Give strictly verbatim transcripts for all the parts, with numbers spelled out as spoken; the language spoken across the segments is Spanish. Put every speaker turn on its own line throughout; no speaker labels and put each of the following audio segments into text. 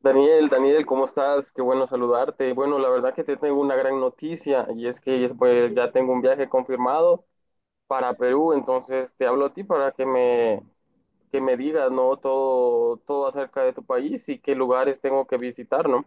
Daniel, Daniel, ¿cómo estás? Qué bueno saludarte. Bueno, la verdad que te tengo una gran noticia y es que pues, ya tengo un viaje confirmado para Perú, entonces te hablo a ti para que me, que me digas, ¿no? Todo, todo acerca de tu país y qué lugares tengo que visitar, ¿no?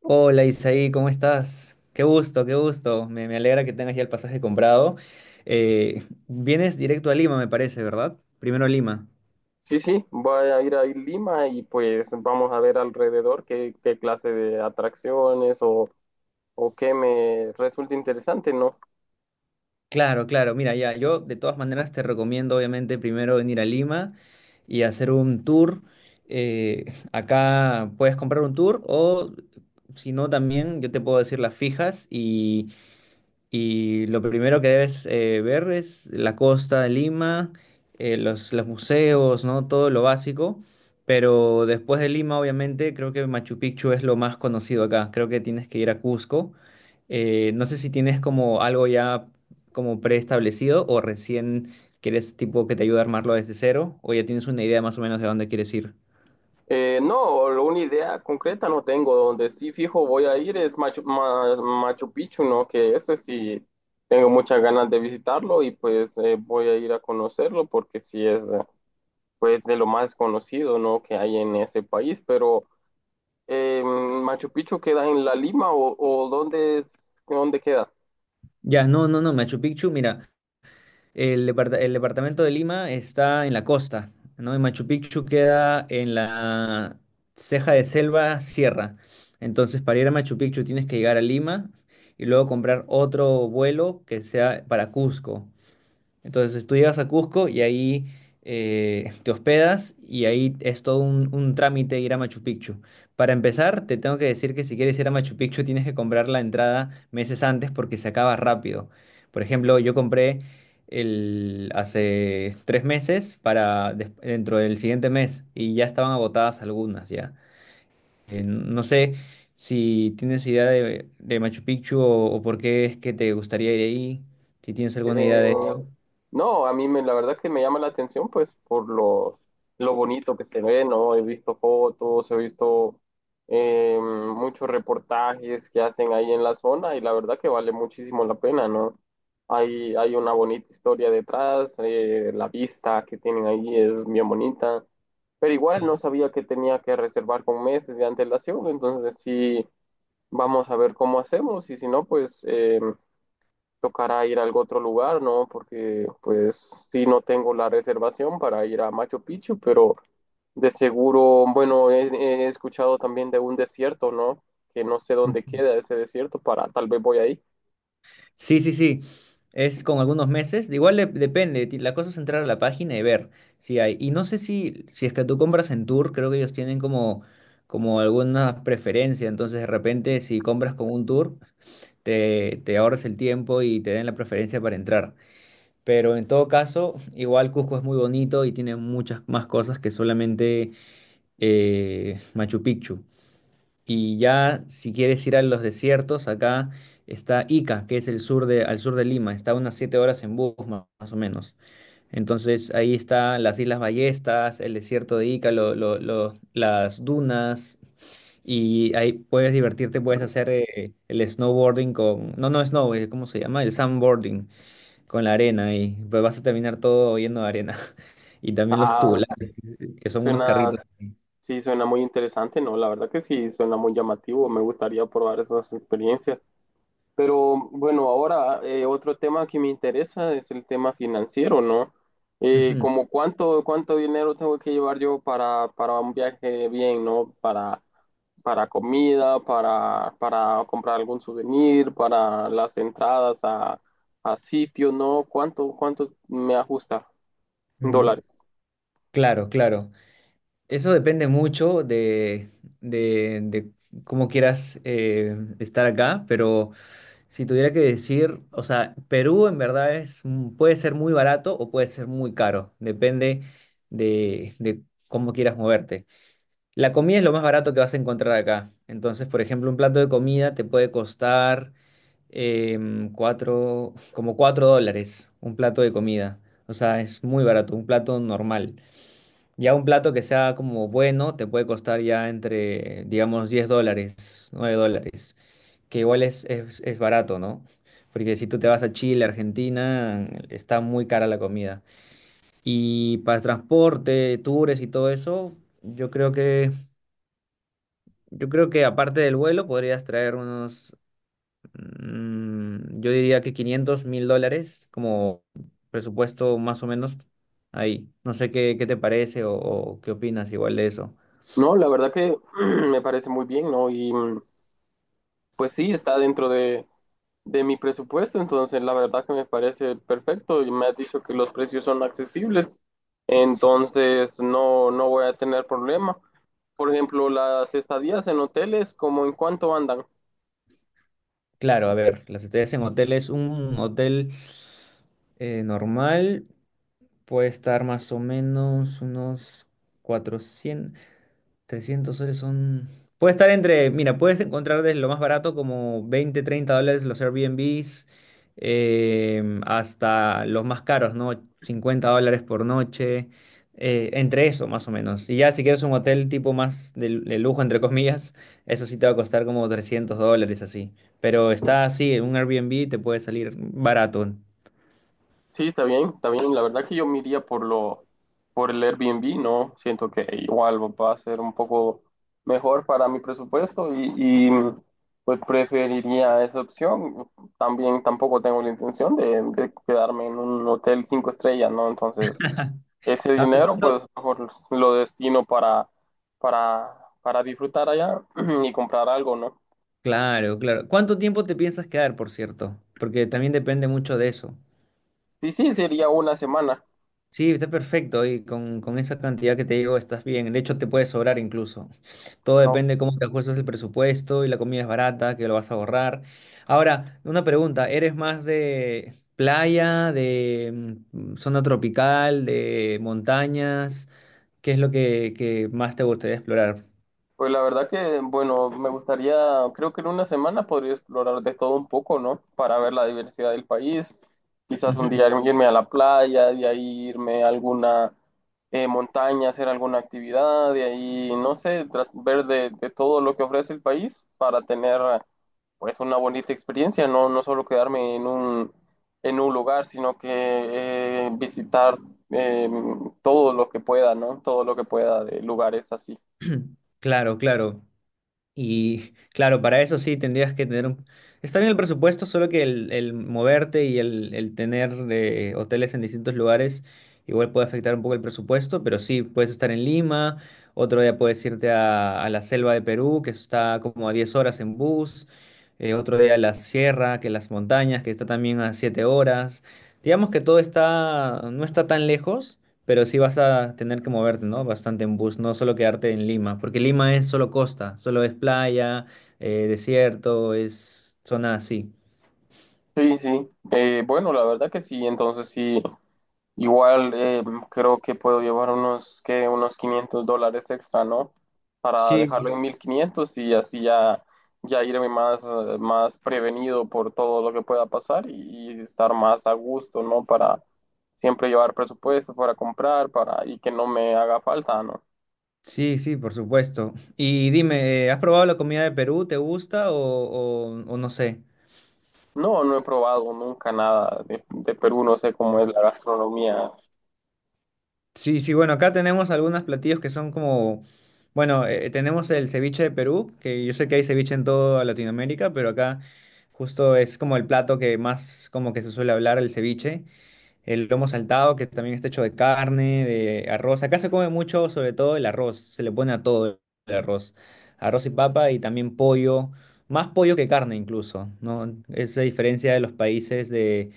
Hola Isaí, ¿cómo estás? Qué gusto, qué gusto. Me, me alegra que tengas ya el pasaje comprado. Eh, vienes directo a Lima, me parece, ¿verdad? Primero a Lima.
Sí, sí, voy a ir a Lima y pues vamos a ver alrededor qué, qué clase de atracciones o, o qué me resulta interesante, ¿no?
Claro, claro. Mira, ya, yo de todas maneras te recomiendo, obviamente, primero venir a Lima y hacer un tour. Eh, Acá puedes comprar un tour o, si no, también yo te puedo decir las fijas. Y lo primero que debes eh, ver es la costa de Lima, eh, los, los museos, ¿no? Todo lo básico. Pero después de Lima, obviamente, creo que Machu Picchu es lo más conocido acá. Creo que tienes que ir a Cusco. Eh, no sé si tienes como algo ya como preestablecido o recién quieres tipo que te ayude a armarlo desde cero, o ya tienes una idea más o menos de dónde quieres ir.
Eh, no, lo- una idea concreta no tengo. Donde sí fijo voy a ir es Machu, Ma- Machu Picchu, ¿no? Que ese sí tengo muchas ganas de visitarlo y pues eh, voy a ir a conocerlo porque sí es eh, pues de lo más conocido, ¿no? Que hay en ese país. Pero eh, Machu Picchu queda en La Lima o, o dónde, es- dónde queda?
Ya, no, no, no, Machu Picchu, mira. El, depart- el departamento de Lima está en la costa, ¿no? Y Machu Picchu queda en la ceja de selva sierra. Entonces, para ir a Machu Picchu tienes que llegar a Lima y luego comprar otro vuelo que sea para Cusco. Entonces tú llegas a Cusco y ahí eh, te hospedas y ahí es todo un, un trámite ir a Machu Picchu. Para empezar, te tengo que decir que si quieres ir a Machu Picchu tienes que comprar la entrada meses antes porque se acaba rápido. Por ejemplo, yo compré el, hace tres meses para des- dentro del siguiente mes, y ya estaban agotadas algunas ya. Eh, no sé si tienes idea de, de Machu Picchu o, o por qué es que te gustaría ir ahí, si tienes alguna idea
Eh,
de eso.
no, a mí me, la verdad que me llama la atención pues por lo, lo bonito que se ve, ¿no? He visto fotos, he visto eh, muchos reportajes que hacen ahí en la zona y la verdad que vale muchísimo la pena, ¿no? Hay, hay una bonita historia detrás, eh, la vista que tienen ahí es bien bonita, pero igual no sabía que tenía que reservar con meses de antelación, entonces sí, vamos a ver cómo hacemos y si no, pues... em, tocará ir a algún otro lugar, ¿no? Porque pues sí, no tengo la reservación para ir a Machu Picchu, pero de seguro, bueno, he, he escuchado también de un desierto, ¿no? Que no sé dónde
Ujú.
queda ese desierto, para tal vez voy ahí.
Sí, sí, sí. Es con algunos meses. De Igual le- depende. ti- La cosa es entrar a la página y ver si hay. Y no sé si, si es que tú compras en tour, creo que ellos tienen como, como alguna preferencia. Entonces, de repente, si compras con un tour, te, te ahorras el tiempo y te den la preferencia para entrar. Pero en todo caso, igual Cusco es muy bonito y tiene muchas más cosas que solamente eh, Machu Picchu. Y ya, si quieres ir a los desiertos, acá está Ica, que es el sur de, al sur de Lima. Está unas siete horas en bus, ma- más o menos. Entonces, ahí están las Islas Ballestas, el desierto de Ica, lo- lo- lo- las dunas. Y ahí puedes divertirte, puedes hacer eh, el snowboarding con... No, no, snow, eh, ¿cómo se llama? El sandboarding con la arena. Y pues vas a terminar todo lleno de arena. Y también los
Ah,
tubulares, que son unos
suena,
carritos.
sí, suena muy interesante, ¿no? La verdad que sí, suena muy llamativo, me gustaría probar esas experiencias. Pero bueno, ahora eh, otro tema que me interesa es el tema financiero, ¿no? Eh,
Ujú.
como cuánto, cuánto dinero tengo que llevar yo para, para un viaje bien, ¿no? Para, para comida, para, para comprar algún souvenir, para las entradas a, a sitios, ¿no? ¿Cuánto, cuánto me ajusta en
Mm.
dólares?
Claro, claro. Eso depende mucho de, de, de cómo quieras eh, estar acá, pero si tuviera que decir, o sea, Perú en verdad es, mm, puede ser muy barato o puede ser muy caro, depende de, de cómo quieras moverte. La comida es lo más barato que vas a encontrar acá. Entonces, por ejemplo, un plato de comida te puede costar em, cuatro, como cuatro dólares, un plato de comida. O sea, es muy barato, un plato normal. Ya un plato que sea como bueno te puede costar ya entre, digamos, diez dólares, nueve dólares, que igual es, es, es barato, ¿no? Porque si tú te vas a Chile, Argentina, está muy cara la comida. Y para transporte, tours y todo eso, yo creo que, yo creo que aparte del vuelo podrías traer unos, mm, yo diría que quinientos mil dólares como presupuesto más o menos ahí. No sé qué, qué te parece o o qué opinas igual de eso.
No, la verdad que me parece muy bien, ¿no? Y, mm, pues sí, está dentro de, de mi presupuesto, entonces la verdad que me parece perfecto y me has dicho que los precios son accesibles, entonces no, no voy a tener problema. Por ejemplo, las estadías en hoteles, ¿como en cuánto andan?
Claro, a ver, las estrellas en hotel es un hotel eh, normal, puede estar más o menos unos cuatrocientos. trescientos soles son... Puede estar entre, mira, puedes encontrar desde lo más barato como veinte, treinta dólares los Airbnbs, em, hasta los más caros, ¿no? cincuenta dólares por noche, eh, entre eso más o menos. Y ya si quieres un hotel tipo más de, de lujo, entre comillas, eso sí te va a costar como trescientos dólares así. Pero está así, un Airbnb te puede salir barato.
Sí, está bien, está bien. La verdad que yo me iría por lo, por el Airbnb, ¿no? Siento que igual va a ser un poco mejor para mi presupuesto y, y, pues preferiría esa opción. También tampoco tengo la intención de, de quedarme en un hotel cinco estrellas, ¿no? Entonces, ese
Ah,
dinero
¿cuánto?
pues mejor lo destino para, para, para disfrutar allá y comprar algo, ¿no?
Claro, claro. ¿Cuánto tiempo te piensas quedar, por cierto? Porque también depende mucho de eso.
Sí, sí, sería una semana.
Sí, está perfecto y con, con esa cantidad que te digo estás bien. De hecho, te puede sobrar incluso. Todo
No.
depende de cómo te ajustas el presupuesto, y la comida es barata, que lo vas a ahorrar. Ahora, una pregunta, ¿eres más de playa, de mm, zona tropical, de montañas? ¿Qué es lo que, que más te gustaría explorar?
Pues la verdad que, bueno, me gustaría, creo que en una semana podría explorar de todo un poco, ¿no? Para ver la diversidad del país. Quizás un
Ujú.
día irme a la playa, de ahí irme a alguna eh, montaña, hacer alguna actividad, de ahí, no sé, tra- ver de, de todo lo que ofrece el país para tener pues una bonita experiencia, no, no solo quedarme en un, en un lugar, sino que eh, visitar eh, todo lo que pueda, ¿no? Todo lo que pueda de lugares así.
Claro, claro. Y claro, para eso sí tendrías que tener un... Está bien el presupuesto, solo que el, el moverte y el, el tener eh, hoteles en distintos lugares igual puede afectar un poco el presupuesto, pero sí, puedes estar en Lima, otro día puedes irte a, a la selva de Perú, que está como a diez horas en bus, eh, otro día a la sierra, que las montañas, que está también a siete horas. Digamos que todo está, no está tan lejos, pero sí vas a tener que moverte, ¿no? Bastante en bus, no solo quedarte en Lima, porque Lima es solo costa, solo es playa, eh, desierto, es zona así.
Sí, sí. Eh, bueno, la verdad que sí. Entonces sí, igual eh, creo que puedo llevar unos, que Unos quinientos dólares extra, ¿no? Para dejarlo
Sí,
en mil quinientos y así ya, ya irme más, eh, más prevenido por todo lo que pueda pasar y, y estar más a gusto, ¿no? Para siempre llevar presupuesto para comprar, para y que no me haga falta, ¿no?
sí, sí, por supuesto. Y dime, eh, ¿has probado la comida de Perú? ¿Te gusta o, o- o no sé?
No, no he probado nunca nada de, de Perú, no sé cómo es la gastronomía.
Sí, sí, bueno, acá tenemos algunos platillos que son como, bueno, eh, tenemos el ceviche de Perú, que yo sé que hay ceviche en toda Latinoamérica, pero acá justo es como el plato que más como que se suele hablar, el ceviche. El lomo saltado, que también está hecho de carne, de arroz. Acá se come mucho, sobre todo el arroz. Se le pone a todo el arroz. Arroz y papa y también pollo. Más pollo que carne incluso, ¿no? Esa diferencia de los países de,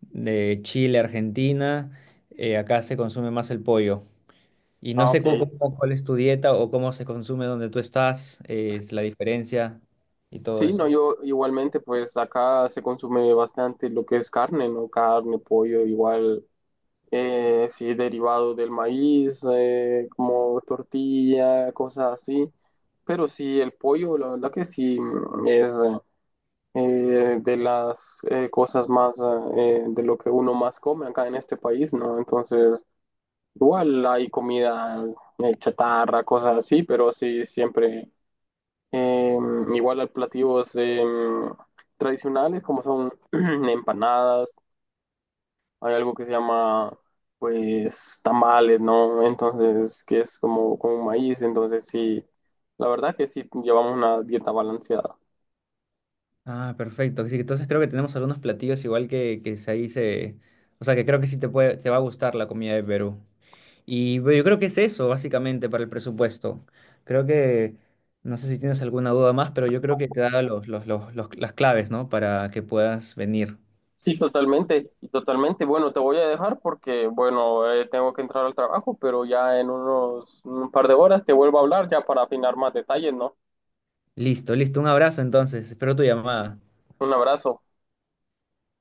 de Chile, Argentina. eh, acá se consume más el pollo. Y no
Ah,
sé
ok.
cómo, cómo- cuál es tu dieta o cómo se consume donde tú estás, eh, es la diferencia y todo
Sí, no,
eso.
yo igualmente, pues acá se consume bastante lo que es carne, ¿no? Carne, pollo, igual, eh, sí, derivado del maíz, eh, como tortilla, cosas así. Pero sí, el pollo, la verdad que sí, mm, es eh, de las eh, cosas más, eh, de lo que uno más come acá en este país, ¿no? Entonces, igual hay comida eh, chatarra, cosas así, pero sí, siempre. Em, igual hay platillos em, tradicionales como son empanadas, hay algo que se llama pues tamales, ¿no? Entonces, que es como con maíz, entonces sí, la verdad que sí llevamos una dieta balanceada.
Ah, perfecto. Sí, entonces creo que tenemos algunos platillos igual que, que se- ahí se... O sea, que creo que sí te puede, te va a gustar la comida de Perú. Y bueno, yo creo que es eso, básicamente, para el presupuesto. Creo que, no sé si tienes alguna duda más, pero yo creo que te da los, los, los, los- las claves, ¿no? Para que puedas venir.
Sí, totalmente, y totalmente. Bueno, te voy a dejar porque, bueno, eh, tengo que entrar al trabajo, pero ya en unos un par de horas te vuelvo a hablar ya para afinar más detalles, ¿no?
Listo, listo. Un abrazo entonces. Espero tu llamada.
Un abrazo.